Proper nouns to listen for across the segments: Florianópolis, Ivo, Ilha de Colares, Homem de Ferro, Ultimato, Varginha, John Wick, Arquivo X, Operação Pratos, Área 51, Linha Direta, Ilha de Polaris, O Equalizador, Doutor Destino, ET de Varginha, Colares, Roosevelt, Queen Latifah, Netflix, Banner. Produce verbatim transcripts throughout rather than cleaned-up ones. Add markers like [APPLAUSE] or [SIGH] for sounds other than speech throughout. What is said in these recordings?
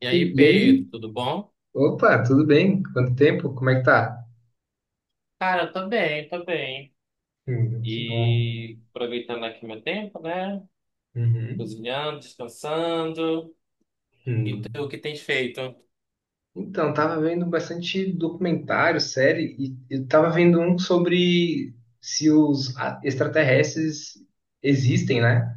E aí, E, e aí? Pedro, tudo bom? Opa, tudo bem? Quanto tempo? Como é que tá? Cara, tô bem, tô bem. Hum, que bom. E aproveitando aqui meu tempo, né? Uhum. Cozinhando, descansando. E tu, o Hum. que tens feito? Então, tava vendo bastante documentário, série, e eu tava vendo um sobre se os a- extraterrestres existem, né?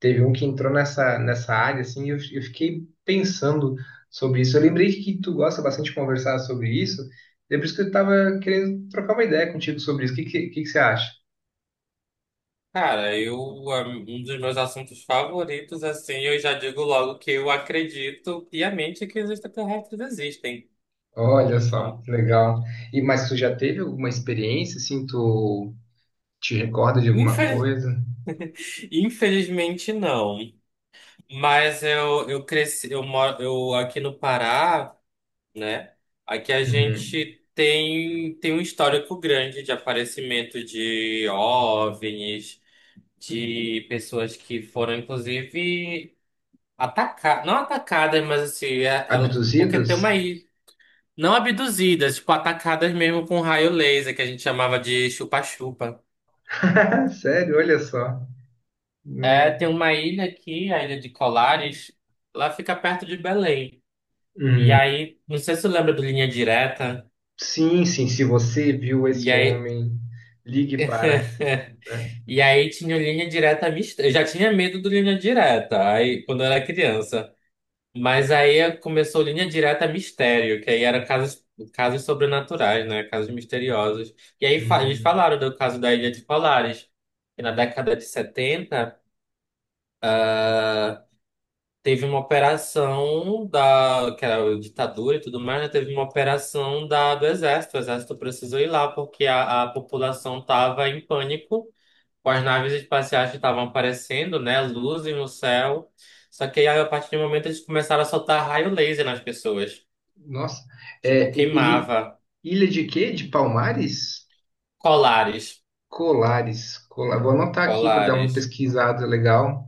Teve um que entrou nessa, nessa área, assim, e eu, eu fiquei pensando sobre isso. Eu lembrei que tu gosta bastante de conversar sobre isso, e é por isso que eu tava querendo trocar uma ideia contigo sobre isso. O que, que, que que você acha? Cara, eu, a- um dos meus assuntos favoritos, assim, eu já digo logo que eu acredito piamente que os extraterrestres existem. Olha só, [LAUGHS] que legal. E mas tu já teve alguma experiência assim, tu te recorda de alguma Infeliz- coisa? Infelizmente não. Mas eu, eu cresci, eu moro, eu aqui no Pará, né? Aqui a Uhum. gente tem, tem um histórico grande de aparecimento de OVNIs, de pessoas que foram, inclusive, atacadas, não atacadas, mas assim, é- ela- porque tem uma Abduzidos? ilha não abduzidas, tipo, atacadas mesmo com raio laser, que a gente chamava de chupa-chupa. [LAUGHS] Sério, olha só. É, No- tem uma ilha aqui, a Ilha de Colares, lá fica perto de Belém. E Uhum. aí, não sei se você lembra do Linha Direta, Sim, sim, se você viu e este aí. homem, ligue para, [LAUGHS] né? E aí tinha o Linha Direta Mista. Eu já tinha medo do Linha Direta, aí quando eu era criança. Mas aí começou Linha Direta Mistério, que aí era casos, casos, sobrenaturais, né? Casos misteriosos. E aí fa- eles Hum. falaram do caso da Ilha de Polaris, que na década de setenta teve uma operação da, que era a ditadura e tudo mais, né? Teve uma operação da, do exército. O exército precisou ir lá porque a, a população estava em pânico com as naves espaciais que estavam aparecendo, né? Luzes no céu. Só que aí, a partir do momento, eles começaram a soltar raio laser nas pessoas. Nossa, Tipo, é, e- ele, queimava ilha de quê? De Palmares? Colares. Colares. Cola- Vou anotar aqui para dar uma Colares. pesquisada legal.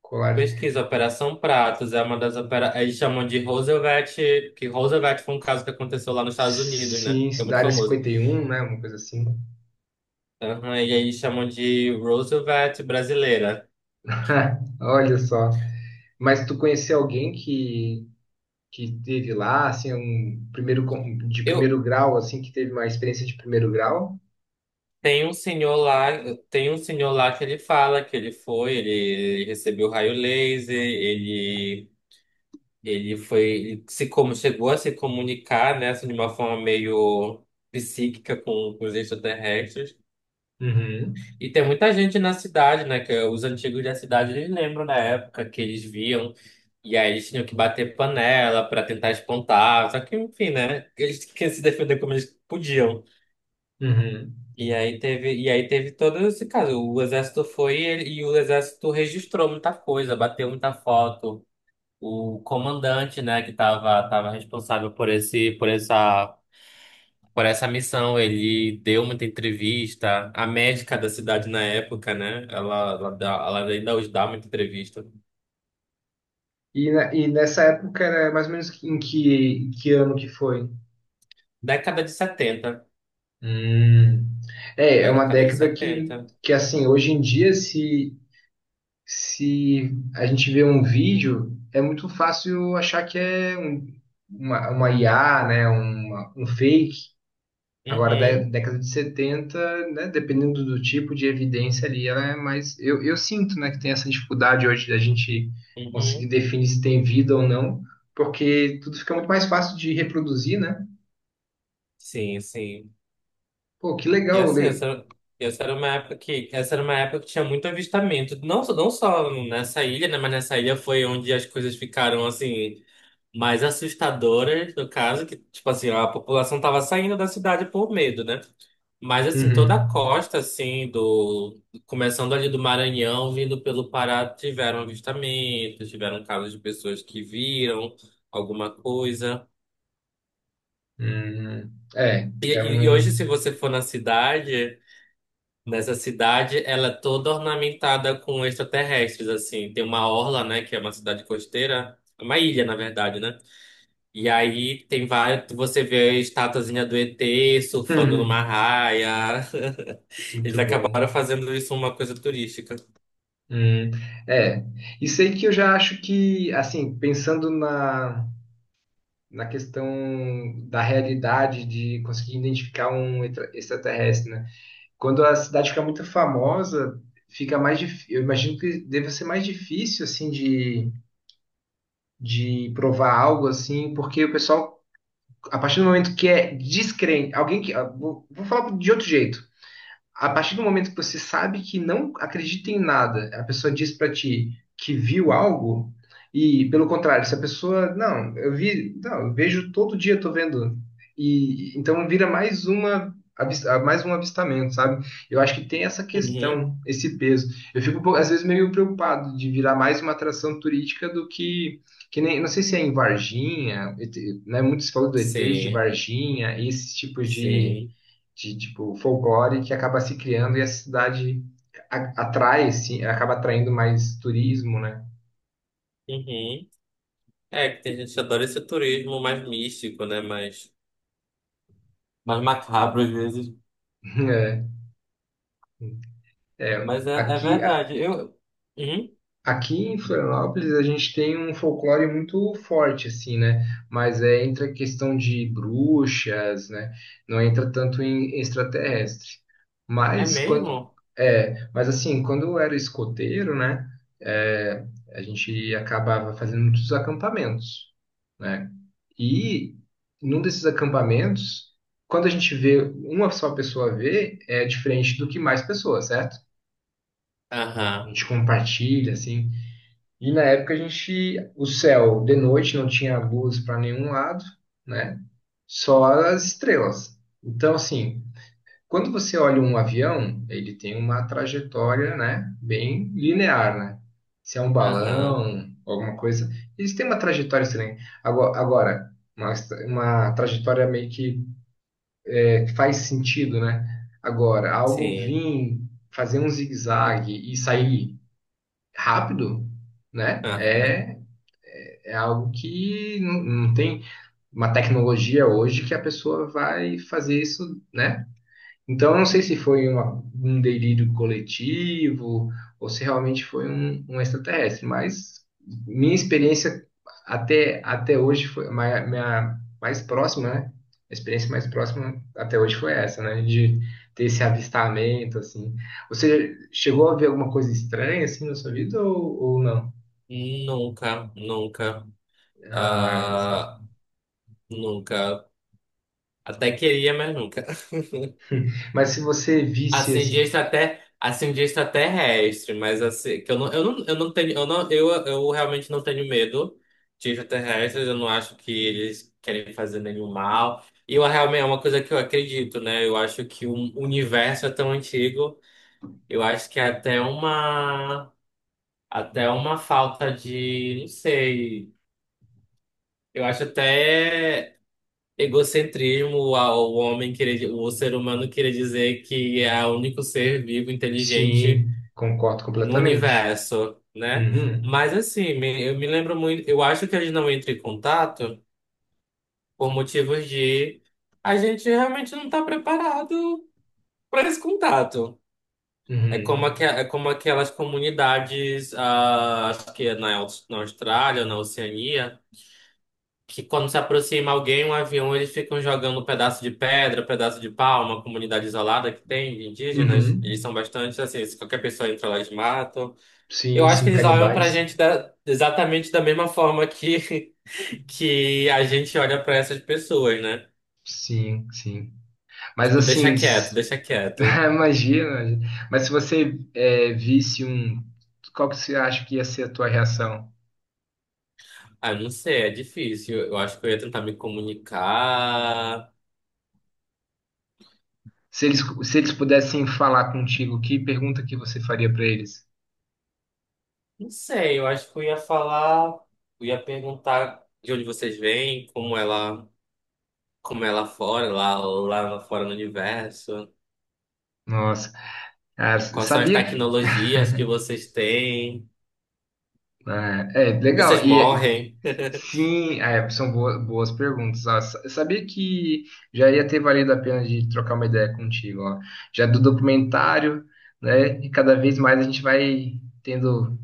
Colares. Pesquisa, Operação Pratos é uma das opera... Eles chamam de Roosevelt, que Roosevelt foi um caso que aconteceu lá nos Estados Unidos, né? Sim, É da muito área famoso. cinquenta e um, né? Uma coisa assim. Aham, e aí eles chamam de Roosevelt brasileira. [LAUGHS] Olha só. Mas tu conhecia alguém que que teve lá, assim, um primeiro con- de Eu, primeiro grau, assim, que teve uma experiência de primeiro grau? Tem um senhor lá, tem um senhor lá que ele fala que ele foi, ele, ele recebeu raio laser, ele ele foi, ele se como chegou a se comunicar, né, assim, de uma forma meio psíquica com, com os extraterrestres. Uhum, E tem muita gente na cidade, né, que os antigos da cidade eles lembram da época que eles viam e aí eles tinham que bater panela para tentar espantar, só que enfim, né, eles tinham que se defender como eles podiam. uhum. E aí teve, e aí teve todo esse caso. O exército foi e, ele- e o exército registrou muita coisa, bateu muita foto. O comandante, né, que estava tava tava responsável por esse, por essa, por essa missão, ele deu muita entrevista. A médica da cidade na época, né, ela, ela, dá- ela ainda hoje dá muita entrevista. E, na- e nessa época era mais ou menos que- em que, que ano que foi? Década de setenta. Hum. É, é Da uma década de década que, setenta. que assim, hoje em dia, se, se a gente vê um vídeo, é muito fácil achar que é um, uma, uma I A, né? Uma, um fake. Agora, da Uhum, década de setenta, né, dependendo do tipo de evidência ali, ela é mais. Eu, eu sinto, né, que tem essa dificuldade hoje da gente conseguir uhum. definir se tem vida ou não, porque tudo fica muito mais fácil de reproduzir, né? Sim, sim. Pô, que E legal. assim, Le- essa, essa era uma época que, essa era uma época que tinha muito avistamento. Não, só- não só nessa ilha, né? Mas nessa ilha foi onde as coisas ficaram, assim, mais assustadoras, no caso, que, tipo assim, a população tava saindo da cidade por medo, né? Mas, assim, toda a Uhum. costa, assim, do... começando ali do Maranhão, vindo pelo Pará, tiveram avistamentos, tiveram casos de pessoas que viram alguma coisa. Uhum. É, E, é e e hoje, um. se você for na cidade. Nessa cidade, ela é toda ornamentada com extraterrestres, assim. Tem uma orla, né, que é uma cidade costeira, é uma ilha, na verdade, né? E aí tem vários, você vê a estatuazinha do E T surfando numa Uhum. raia. [LAUGHS] Eles Muito acabaram bom. fazendo isso uma coisa turística. Uhum. É. Isso aí que eu já acho que, assim, pensando na, na questão da realidade de conseguir identificar um extra- extraterrestre, né? Quando a cidade fica muito famosa, fica mais dif... eu imagino que deve ser mais difícil assim de, de provar algo assim, porque o pessoal, a partir do momento que é descrente, alguém que ah, vou, vou falar de outro jeito a partir do momento que você sabe que não acredita em nada, a pessoa diz pra ti que viu algo, e pelo contrário, se a pessoa, não, eu vi, não, eu vejo todo dia, tô vendo, e então vira mais uma avis- mais um avistamento, sabe? Eu acho que tem essa Uhum. questão, esse peso. Eu fico um pouco- às vezes meio preocupado de virar mais uma atração turística do que que nem, não sei se é em Varginha, E T, né? Muitos falam do E T de Sim, Varginha, esses tipos de sim. de tipo folclore que acaba se criando e a cidade a- atrai, sim, acaba atraindo mais turismo, né? [LAUGHS] Uhum. É, que tem gente que adora esse turismo mais místico, né, mais, mais macabro às vezes. É, é, Mas é, é aqui, a- verdade. Eu... Uhum. aqui em Florianópolis a gente tem um folclore muito forte, assim, né? Mas é, entra a questão de bruxas, né? Não entra tanto em extraterrestre. É Mas quando mesmo? é, mas assim, quando eu era escoteiro, né? É, a gente acabava fazendo muitos acampamentos né? E num desses acampamentos, quando a gente vê, uma só pessoa vê, é diferente do que mais pessoas, certo? A Aham, gente compartilha, assim. E na época a gente, o céu de noite não tinha luz para nenhum lado, né? Só as estrelas. Então, assim, quando você olha um avião, ele tem uma trajetória, né? Bem linear, né? Se é um aham. balão, alguma coisa, eles têm uma trajetória estranha. Agora, agora uma, uma trajetória meio que faz sentido, né? Agora, algo Sim. vir fazer um zigue-zague e sair rápido, né? Aham. É, é algo que não, não tem uma tecnologia hoje que a pessoa vai fazer isso, né? Então, eu não sei se foi uma- um delírio coletivo ou se realmente foi um, um extraterrestre, mas minha experiência até, até hoje foi ma- minha mais próxima, né? A experiência mais próxima até hoje foi essa, né? De ter esse avistamento, assim. Você chegou a ver alguma coisa estranha, assim, na sua vida ou, ou não? Nunca, nunca. Ah, olha só. Ah, nunca. Até queria, mas nunca. Mas se você [LAUGHS] visse, Assim, de assim... extrater... assim, de extraterrestre, mas assim, que eu não, eu não, eu não tenho, eu não, eu, eu realmente não tenho medo de extraterrestres, eu não acho que eles querem fazer nenhum mal. E eu realmente é uma coisa que eu acredito, né? Eu acho que o universo é tão antigo, eu acho que é até uma, até uma falta de, não sei. Eu acho até egocentrismo ao homem querer, o ser humano querer dizer que é o único ser vivo inteligente Sim, concordo no completamente. universo, né? Uhum, Mas assim, me- eu me lembro muito, eu acho que a gente não entra em contato por motivos de a gente realmente não está preparado para esse contato. É como, aque- uhum, é como aquelas comunidades, ah, acho que é na, Aus- na Austrália, na Oceania. Que quando se aproxima alguém, um avião, eles ficam jogando um pedaço de pedra, um pedaço de pau, uma comunidade isolada que tem de indígenas, uhum. eles são bastante assim, se qualquer pessoa entra lá, eles matam. Eu Sim, acho que sim, eles olham pra canibais. gente da- exatamente da mesma forma que, [LAUGHS] que a gente olha pra essas pessoas, né? Sim, sim. Mas Tipo, assim, deixa quieto, s- deixa [LAUGHS] quieto. imagina. Mas se você é, visse um, qual que você acha que ia ser a tua reação? Ah, não sei, é difícil. Eu acho que eu ia tentar me comunicar. Se eles, se eles pudessem falar contigo, que pergunta que você faria para eles? Não sei, eu acho que eu ia falar, eu ia perguntar de onde vocês vêm, como ela como é lá fora, lá, lá fora no universo. Nossa, cara, Quais são as sabia que. tecnologias que [LAUGHS] vocês têm? Ah, É, legal. Vocês E é, morrem? Sim, é, são boa- boas perguntas. Ah, sa- sabia que já ia ter valido a pena de trocar uma ideia contigo, ó. Já do documentário, né? E cada vez mais a gente vai tendo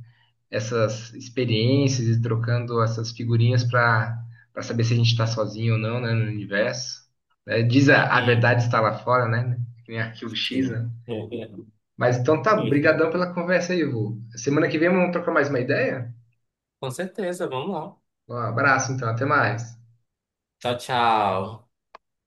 essas experiências e trocando essas figurinhas para para saber se a gente está sozinho ou não, né, no universo. Né? Diz a, a Uhum. verdade está lá fora, né? Que nem Arquivo X, Sim. né? Mas então tá, [LAUGHS] brigadão pela conversa aí, Ivo. Semana que vem vamos trocar mais uma ideia? Com certeza, vamos lá. Um abraço, então, até mais. Tchau, tchau.